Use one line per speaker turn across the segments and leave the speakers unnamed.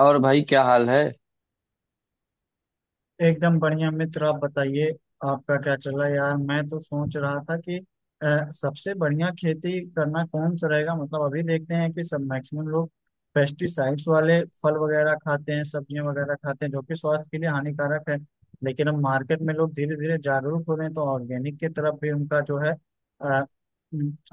और भाई क्या हाल है?
एकदम बढ़िया मित्र। आप बताइए आपका क्या चल रहा है यार। मैं तो सोच रहा था कि सबसे बढ़िया खेती करना कौन सा रहेगा। मतलब अभी देखते हैं कि सब मैक्सिमम लोग पेस्टिसाइड्स वाले फल वगैरह खाते हैं, सब्जियां वगैरह खाते हैं, जो कि स्वास्थ्य के लिए हानिकारक है। लेकिन अब मार्केट में लोग धीरे धीरे जागरूक हो रहे हैं, तो ऑर्गेनिक की तरफ भी उनका जो है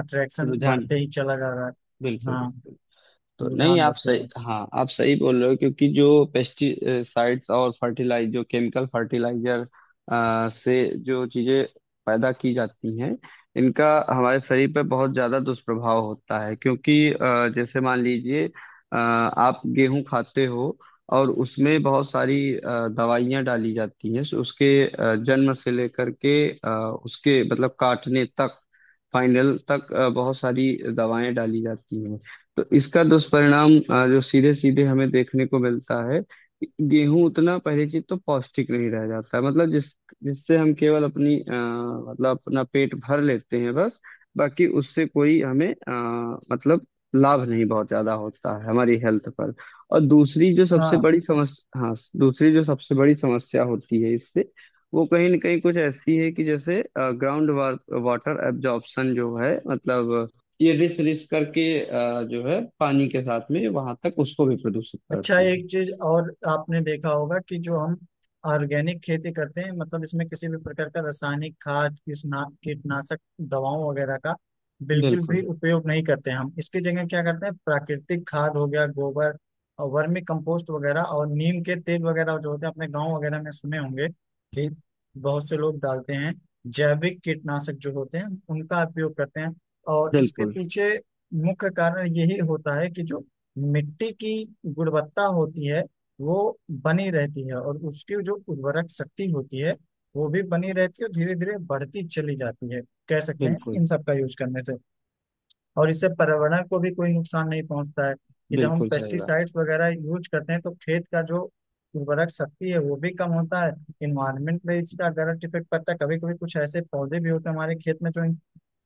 अट्रैक्शन
रुझान।
बढ़ते ही चला जा रहा है।
बिल्कुल
हाँ,
बिल्कुल। तो नहीं,
रुझान
आप
बढ़ते जा रहा
सही,
है।
हाँ, आप सही बोल रहे हो क्योंकि जो पेस्टिसाइड्स और फर्टिलाइज जो केमिकल फर्टिलाइजर से जो चीजें पैदा की जाती हैं, इनका हमारे शरीर पर बहुत ज्यादा दुष्प्रभाव होता है, क्योंकि जैसे मान लीजिए आप गेहूं खाते हो और उसमें बहुत सारी दवाइयां डाली जाती हैं। सो उसके जन्म से लेकर के उसके मतलब काटने तक, फाइनल तक बहुत सारी दवाएं डाली जाती हैं। तो इसका दुष्परिणाम जो सीधे सीधे हमें देखने को मिलता है, गेहूं उतना पहली चीज तो पौष्टिक नहीं रह जाता है, मतलब जिससे हम केवल अपनी मतलब अपना पेट भर लेते हैं बस। बाकी उससे कोई हमें मतलब लाभ नहीं बहुत ज्यादा होता है हमारी हेल्थ पर। और दूसरी जो सबसे
हाँ।
बड़ी समस्या, हाँ। दूसरी जो सबसे बड़ी समस्या होती है इससे, वो कहीं ना कहीं कुछ ऐसी है कि जैसे ग्राउंड वाटर एब्जॉर्प्शन जो है, मतलब ये रिस रिस करके जो है पानी के साथ में वहां तक उसको भी प्रदूषित
अच्छा,
करते हैं।
एक चीज और आपने देखा होगा कि जो हम ऑर्गेनिक खेती करते हैं, मतलब इसमें किसी भी प्रकार का रासायनिक खाद किसना कीटनाशक दवाओं वगैरह का बिल्कुल भी
बिल्कुल
उपयोग नहीं करते हैं। हम इसकी जगह क्या करते हैं, प्राकृतिक खाद हो गया गोबर और वर्मी कंपोस्ट वगैरह और नीम के तेल वगैरह जो होते हैं, अपने गांव वगैरह में सुने होंगे कि बहुत से लोग डालते हैं, जैविक कीटनाशक जो होते हैं उनका उपयोग करते हैं। और इसके
बिल्कुल।
पीछे मुख्य कारण यही होता है कि जो मिट्टी की गुणवत्ता होती है वो बनी रहती है, और उसकी जो उर्वरक शक्ति होती है वो भी बनी रहती है और धीरे धीरे बढ़ती चली जाती है, कह सकते हैं
बिल्कुल।
इन सब का यूज करने से। और इससे पर्यावरण को भी कोई नुकसान नहीं पहुंचता है कि जब हम
बिल्कुल सही बात।
पेस्टिसाइड्स वगैरह यूज करते हैं तो खेत का जो उर्वरक शक्ति है वो भी कम होता है। इन्वायरमेंट पे इसका डायरेक्ट इफेक्ट पड़ता है। कभी कभी कुछ ऐसे पौधे भी होते हैं हमारे खेत में जो इन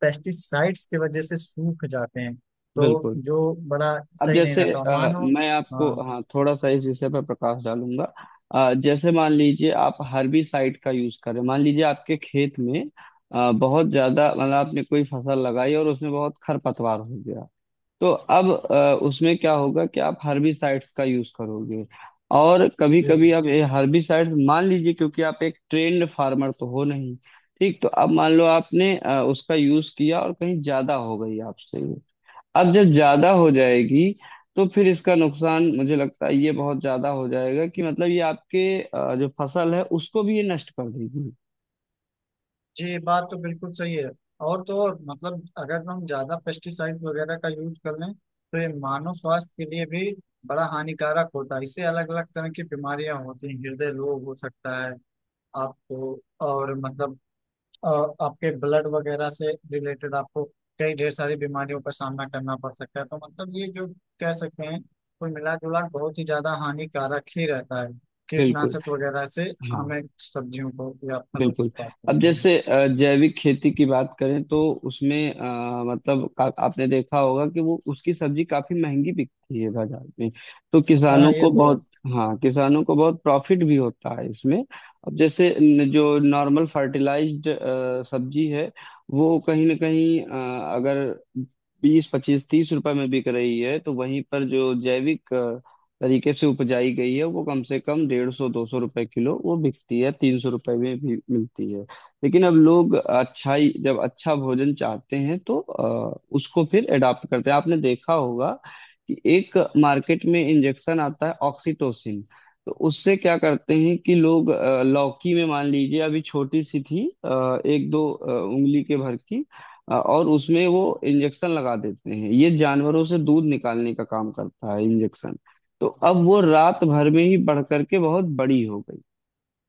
पेस्टिसाइड्स की वजह से सूख जाते हैं, तो
बिल्कुल।
जो बड़ा
अब
सही नहीं
जैसे
रहता मानो।
मैं आपको,
हाँ।
हाँ, थोड़ा सा इस विषय पर प्रकाश डालूंगा। जैसे मान लीजिए आप हर्बिसाइड का यूज करें, मान लीजिए आपके खेत में बहुत ज्यादा, मतलब आपने कोई फसल लगाई और उसमें बहुत खरपतवार हो गया। तो अब उसमें क्या होगा कि आप हर्बिसाइड्स का यूज करोगे, और कभी कभी आप ये हर्बिसाइड्स मान लीजिए, क्योंकि आप एक ट्रेन्ड फार्मर तो हो नहीं, ठीक? तो अब मान लो आपने उसका यूज किया और कहीं ज्यादा हो गई आपसे ये। अब जब ज्यादा हो जाएगी, तो फिर इसका नुकसान मुझे लगता है ये बहुत ज्यादा हो जाएगा कि मतलब ये आपके जो फसल है उसको भी ये नष्ट कर देगी।
जी, बात तो बिल्कुल सही है। और तो और मतलब अगर हम ज्यादा पेस्टिसाइड वगैरह का यूज कर लें तो ये मानव स्वास्थ्य के लिए भी बड़ा हानिकारक होता है। इससे अलग अलग तरह की बीमारियां होती हैं, हृदय रोग हो सकता है आपको, और मतलब अ, आपके ब्लड वगैरह से रिलेटेड आपको कई ढेर सारी बीमारियों का सामना करना पड़ सकता है। तो मतलब ये जो कह सकते हैं, कुल मिला जुला के बहुत ही ज्यादा हानिकारक ही रहता है
बिल्कुल।
कीटनाशक वगैरह से,
हाँ।
हमें सब्जियों को या फलों को
बिल्कुल।
उत्पाद
अब
करना।
जैसे जैविक खेती की बात करें तो उसमें मतलब का, आपने देखा होगा कि वो उसकी सब्जी काफी महंगी बिकती है बाजार में, तो किसानों
हाँ, ये
को
तो है।
बहुत। हाँ, किसानों को बहुत प्रॉफिट भी होता है इसमें। अब जैसे जो नॉर्मल फर्टिलाइज्ड सब्जी है वो कहीं ना कहीं अगर बीस 25 30 रुपए में बिक रही है, तो वहीं पर जो जैविक तरीके से उपजाई गई है वो कम से कम 150 200 रुपए किलो वो बिकती है, 300 रुपए में भी मिलती है। लेकिन अब लोग अच्छाई, जब अच्छा भोजन चाहते हैं तो उसको फिर एडाप्ट करते हैं। आपने देखा होगा कि एक मार्केट में इंजेक्शन आता है ऑक्सीटोसिन। तो उससे क्या करते हैं कि लोग लौकी में, मान लीजिए अभी छोटी सी थी 1-2 उंगली के भर की, और उसमें वो इंजेक्शन लगा देते हैं, ये जानवरों से दूध निकालने का काम करता है इंजेक्शन। तो अब वो रात भर में ही बढ़ करके बहुत बड़ी हो गई।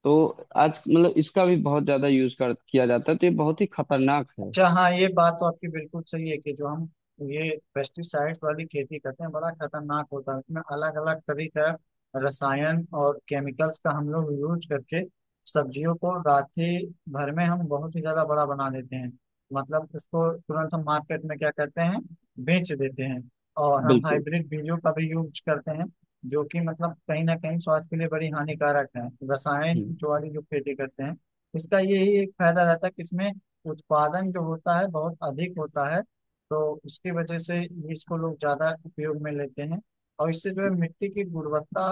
तो आज मतलब इसका भी बहुत ज्यादा यूज कर किया जाता है, तो ये बहुत ही खतरनाक है।
अच्छा हाँ, ये बात तो आपकी बिल्कुल सही है कि जो हम ये पेस्टिसाइड्स वाली खेती करते हैं बड़ा खतरनाक होता है। इसमें अलग अलग तरह का रसायन और केमिकल्स का हम लोग यूज करके सब्जियों को रात्रि भर में हम बहुत ही ज्यादा बड़ा बना देते हैं। मतलब उसको तुरंत हम मार्केट में क्या करते हैं, बेच देते हैं। और हम
बिल्कुल।
हाइब्रिड बीजों का भी यूज करते हैं, जो कि मतलब कहीं ना कहीं स्वास्थ्य के लिए बड़ी हानिकारक है रसायन
हम्म।
जो वाली जो खेती करते हैं। इसका यही एक फायदा रहता है कि इसमें उत्पादन जो होता है बहुत अधिक होता है, तो उसकी वजह से इसको लोग ज्यादा उपयोग में लेते हैं। और इससे जो है मिट्टी की गुणवत्ता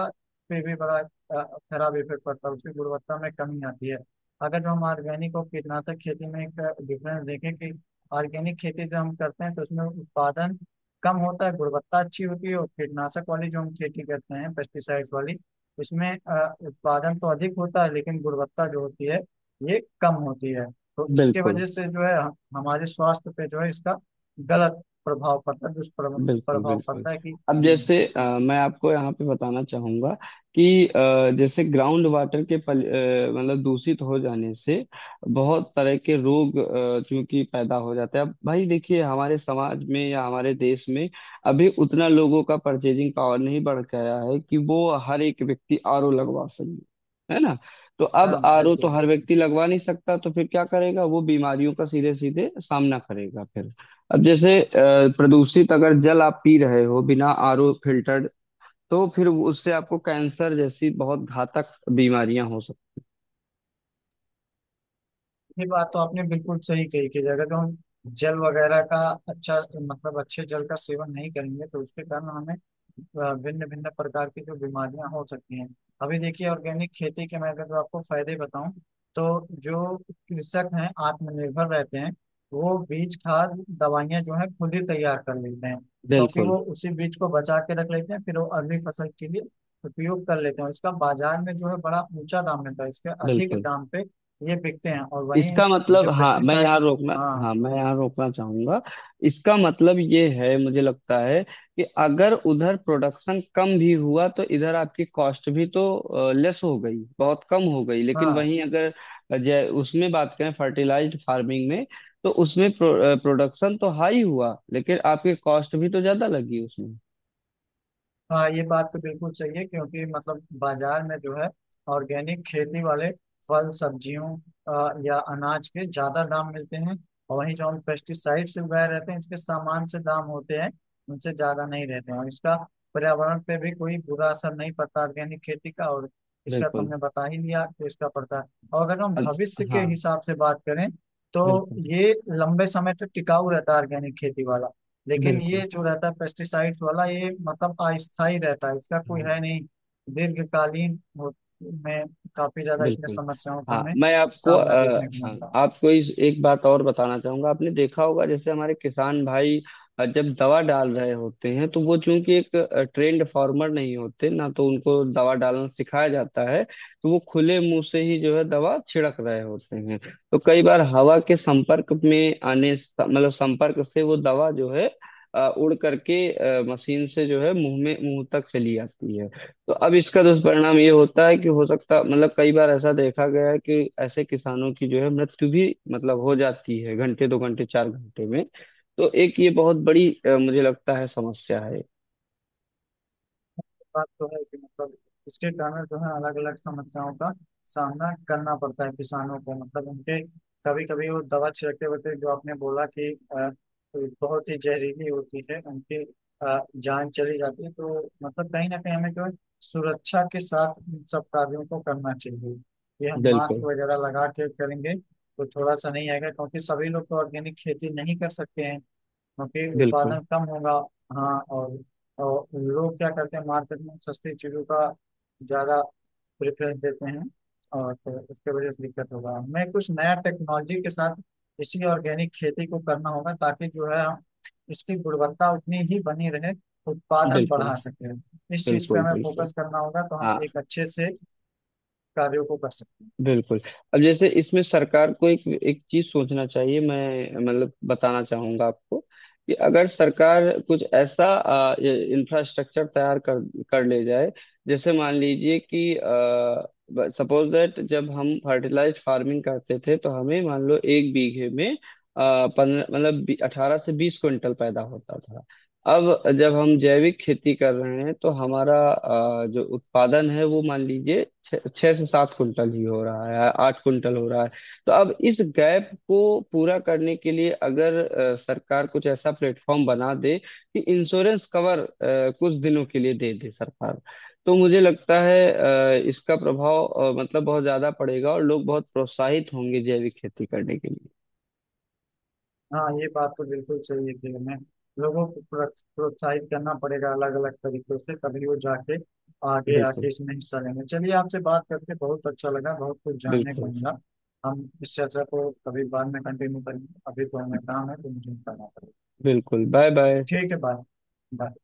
पे भी बड़ा खराब इफेक्ट पड़ता है, उसकी गुणवत्ता में कमी आती है। अगर जो हम ऑर्गेनिक और कीटनाशक खेती में एक डिफरेंस देखें कि ऑर्गेनिक खेती जो हम करते हैं तो उसमें उत्पादन कम होता है, गुणवत्ता अच्छी होती है। और कीटनाशक वाली जो हम खेती करते हैं पेस्टिसाइड्स वाली, इसमें उत्पादन तो अधिक होता है लेकिन गुणवत्ता जो होती है ये कम होती है। तो इसके
बिल्कुल
वजह से जो है हमारे स्वास्थ्य पे जो है इसका गलत प्रभाव पड़ता है, दुष्प्रभाव
बिल्कुल।
प्रभाव
बिल्कुल।
पड़ता है कि
अब जैसे मैं आपको यहाँ पे बताना चाहूंगा कि जैसे ग्राउंड वाटर के पल, मतलब दूषित हो जाने से बहुत तरह के रोग चूंकि पैदा हो जाते हैं। अब भाई देखिए, हमारे समाज में या हमारे देश में अभी उतना लोगों का परचेजिंग पावर नहीं बढ़ गया है कि वो हर एक व्यक्ति RO लगवा सके, है ना? तो अब
हाँ
RO तो
बिल्कुल।
हर व्यक्ति लगवा नहीं सकता, तो फिर क्या करेगा, वो बीमारियों का सीधे सीधे सामना करेगा फिर। अब जैसे प्रदूषित अगर जल आप पी रहे हो बिना RO फिल्टर्ड, तो फिर उससे आपको कैंसर जैसी बहुत घातक बीमारियां हो सकती।
ये बात तो आपने बिल्कुल सही कही कि अगर जो हम जल वगैरह का अच्छा मतलब अच्छे जल का सेवन नहीं करेंगे तो उसके कारण हमें भिन्न भिन्न प्रकार की जो बीमारियां हो सकती हैं। अभी देखिए ऑर्गेनिक खेती के मैं अगर जो आपको फायदे बताऊं, तो जो कृषक हैं आत्मनिर्भर रहते हैं। वो बीज खाद दवाइयां जो है खुद ही तैयार कर लेते हैं, क्योंकि
बिल्कुल।
वो उसी बीज को बचा के रख लेते हैं फिर वो अगली फसल के लिए उपयोग कर लेते हैं। और इसका बाजार में जो है बड़ा ऊंचा दाम मिलता है, इसके अधिक
बिल्कुल।
दाम पे ये बिकते हैं। और वहीं
इसका मतलब,
जो
हाँ, मैं
पेस्टिसाइड।
यहाँ रोकना।
हाँ
हाँ, मैं यहाँ रोकना चाहूंगा। इसका मतलब ये है, मुझे लगता है कि अगर उधर प्रोडक्शन कम भी हुआ तो इधर आपकी कॉस्ट भी तो लेस हो गई, बहुत कम हो गई, लेकिन
हाँ
वहीं अगर जै उसमें बात करें फर्टिलाइज्ड फार्मिंग में, तो उसमें प्रोडक्शन तो हाई हुआ लेकिन आपकी कॉस्ट भी तो ज्यादा लगी उसमें।
हाँ, ये बात तो बिल्कुल सही है क्योंकि मतलब बाजार में जो है ऑर्गेनिक खेती वाले फल सब्जियों या अनाज के ज्यादा दाम मिलते हैं। और वहीं जो हम पेस्टिसाइड से उगाए रहते हैं इसके सामान से दाम होते हैं, उनसे ज्यादा नहीं रहते हैं। और इसका पर्यावरण पे भी कोई बुरा असर नहीं पड़ता ऑर्गेनिक खेती का, और इसका तो
बिल्कुल।
हमने बता ही लिया तो इसका पड़ता है। और अगर हम भविष्य के
हाँ।
हिसाब से बात करें तो
बिल्कुल।
ये लंबे समय तक टिकाऊ रहता है ऑर्गेनिक खेती वाला। लेकिन ये
बिल्कुल।
जो रहता है पेस्टिसाइड्स वाला ये मतलब अस्थायी रहता है, इसका कोई
हाँ।
है नहीं। दीर्घकालीन हो- में काफी ज्यादा इसमें
बिल्कुल।
समस्याओं का
हाँ,
हमें
मैं आपको
सामना देखने को
हाँ,
मिलता है।
आपको इस एक बात और बताना चाहूंगा। आपने देखा होगा जैसे हमारे किसान भाई जब दवा डाल रहे होते हैं, तो वो चूंकि एक ट्रेंड फार्मर नहीं होते ना, तो उनको दवा डालना सिखाया जाता है। तो वो खुले मुंह से ही जो है दवा छिड़क रहे होते हैं। तो कई बार हवा के संपर्क में आने मतलब संपर्क से वो दवा जो है उड़ करके मशीन से जो है मुंह में, मुंह तक चली आती है। तो अब इसका दुष्परिणाम ये होता है कि हो सकता मतलब, कई बार ऐसा देखा गया है कि ऐसे किसानों की जो है मृत्यु भी मतलब हो जाती है, घंटे, 2 घंटे, 4 घंटे में। तो एक ये बहुत बड़ी मुझे लगता है समस्या है।
बात तो है कि मतलब इसके कारण जो है अलग अलग समस्याओं का सामना करना पड़ता है किसानों को, मतलब उनके कभी कभी वो दवा छिड़कते वक्त, जो आपने बोला कि अ, बहुत ही जहरीली होती है, उनकी अ, जान चली जाती है। तो मतलब कहीं ना कहीं हमें जो है सुरक्षा के साथ इन सब कार्यों को करना चाहिए। ये हम मास्क
बिल्कुल।
वगैरह लगा के करेंगे तो थोड़ा सा नहीं आएगा, क्योंकि सभी लोग तो ऑर्गेनिक खेती नहीं कर सकते हैं क्योंकि
बिल्कुल।
उत्पादन कम होगा। हाँ और लोग क्या करते हैं मार्केट में सस्ती चीज़ों का ज़्यादा प्रेफरेंस देते हैं। और तो उसके वजह से दिक्कत होगा, हमें कुछ नया टेक्नोलॉजी के साथ इसी ऑर्गेनिक खेती को करना होगा, ताकि जो है हम इसकी गुणवत्ता उतनी ही बनी रहे, उत्पादन
बिल्कुल।
बढ़ा सके। इस चीज़ पे
बिल्कुल।
हमें
बिल्कुल।
फोकस करना होगा, तो हम
हाँ।
एक अच्छे से कार्यों को कर सकते हैं।
बिल्कुल। अब जैसे इसमें सरकार को एक एक चीज सोचना चाहिए, मैं मतलब बताना चाहूंगा आपको कि अगर सरकार कुछ ऐसा इंफ्रास्ट्रक्चर तैयार कर कर ले जाए। जैसे मान लीजिए कि, सपोज दैट, जब हम फर्टिलाइज्ड फार्मिंग करते थे तो हमें मान लो 1 बीघे में 15, मतलब 18 से 20 क्विंटल पैदा होता था। अब जब हम जैविक खेती कर रहे हैं तो हमारा जो उत्पादन है वो मान लीजिए छः छः से 7 कुंटल ही हो रहा है, 8 कुंटल हो रहा है। तो अब इस गैप को पूरा करने के लिए, अगर सरकार कुछ ऐसा प्लेटफॉर्म बना दे कि इंश्योरेंस कवर कुछ दिनों के लिए दे दे सरकार, तो मुझे लगता है इसका प्रभाव मतलब बहुत ज्यादा पड़ेगा और लोग बहुत प्रोत्साहित होंगे जैविक खेती करने के लिए।
हाँ, ये बात तो बिल्कुल सही है कि हमें लोगों को प्रोत्साहित करना पड़ेगा अलग अलग तरीकों से, तभी वो जाके आगे
बिल्कुल
आके इसमें हिस्सा लेंगे। चलिए, आपसे बात करके बहुत अच्छा लगा, बहुत कुछ जानने को
बिल्कुल।
मिला। हम इस चर्चा को कभी बाद में कंटिन्यू करेंगे, अभी तो हमें काम है तो मुझे करना पड़ेगा।
बिल्कुल। Bye bye.
ठीक है, बाय बाय।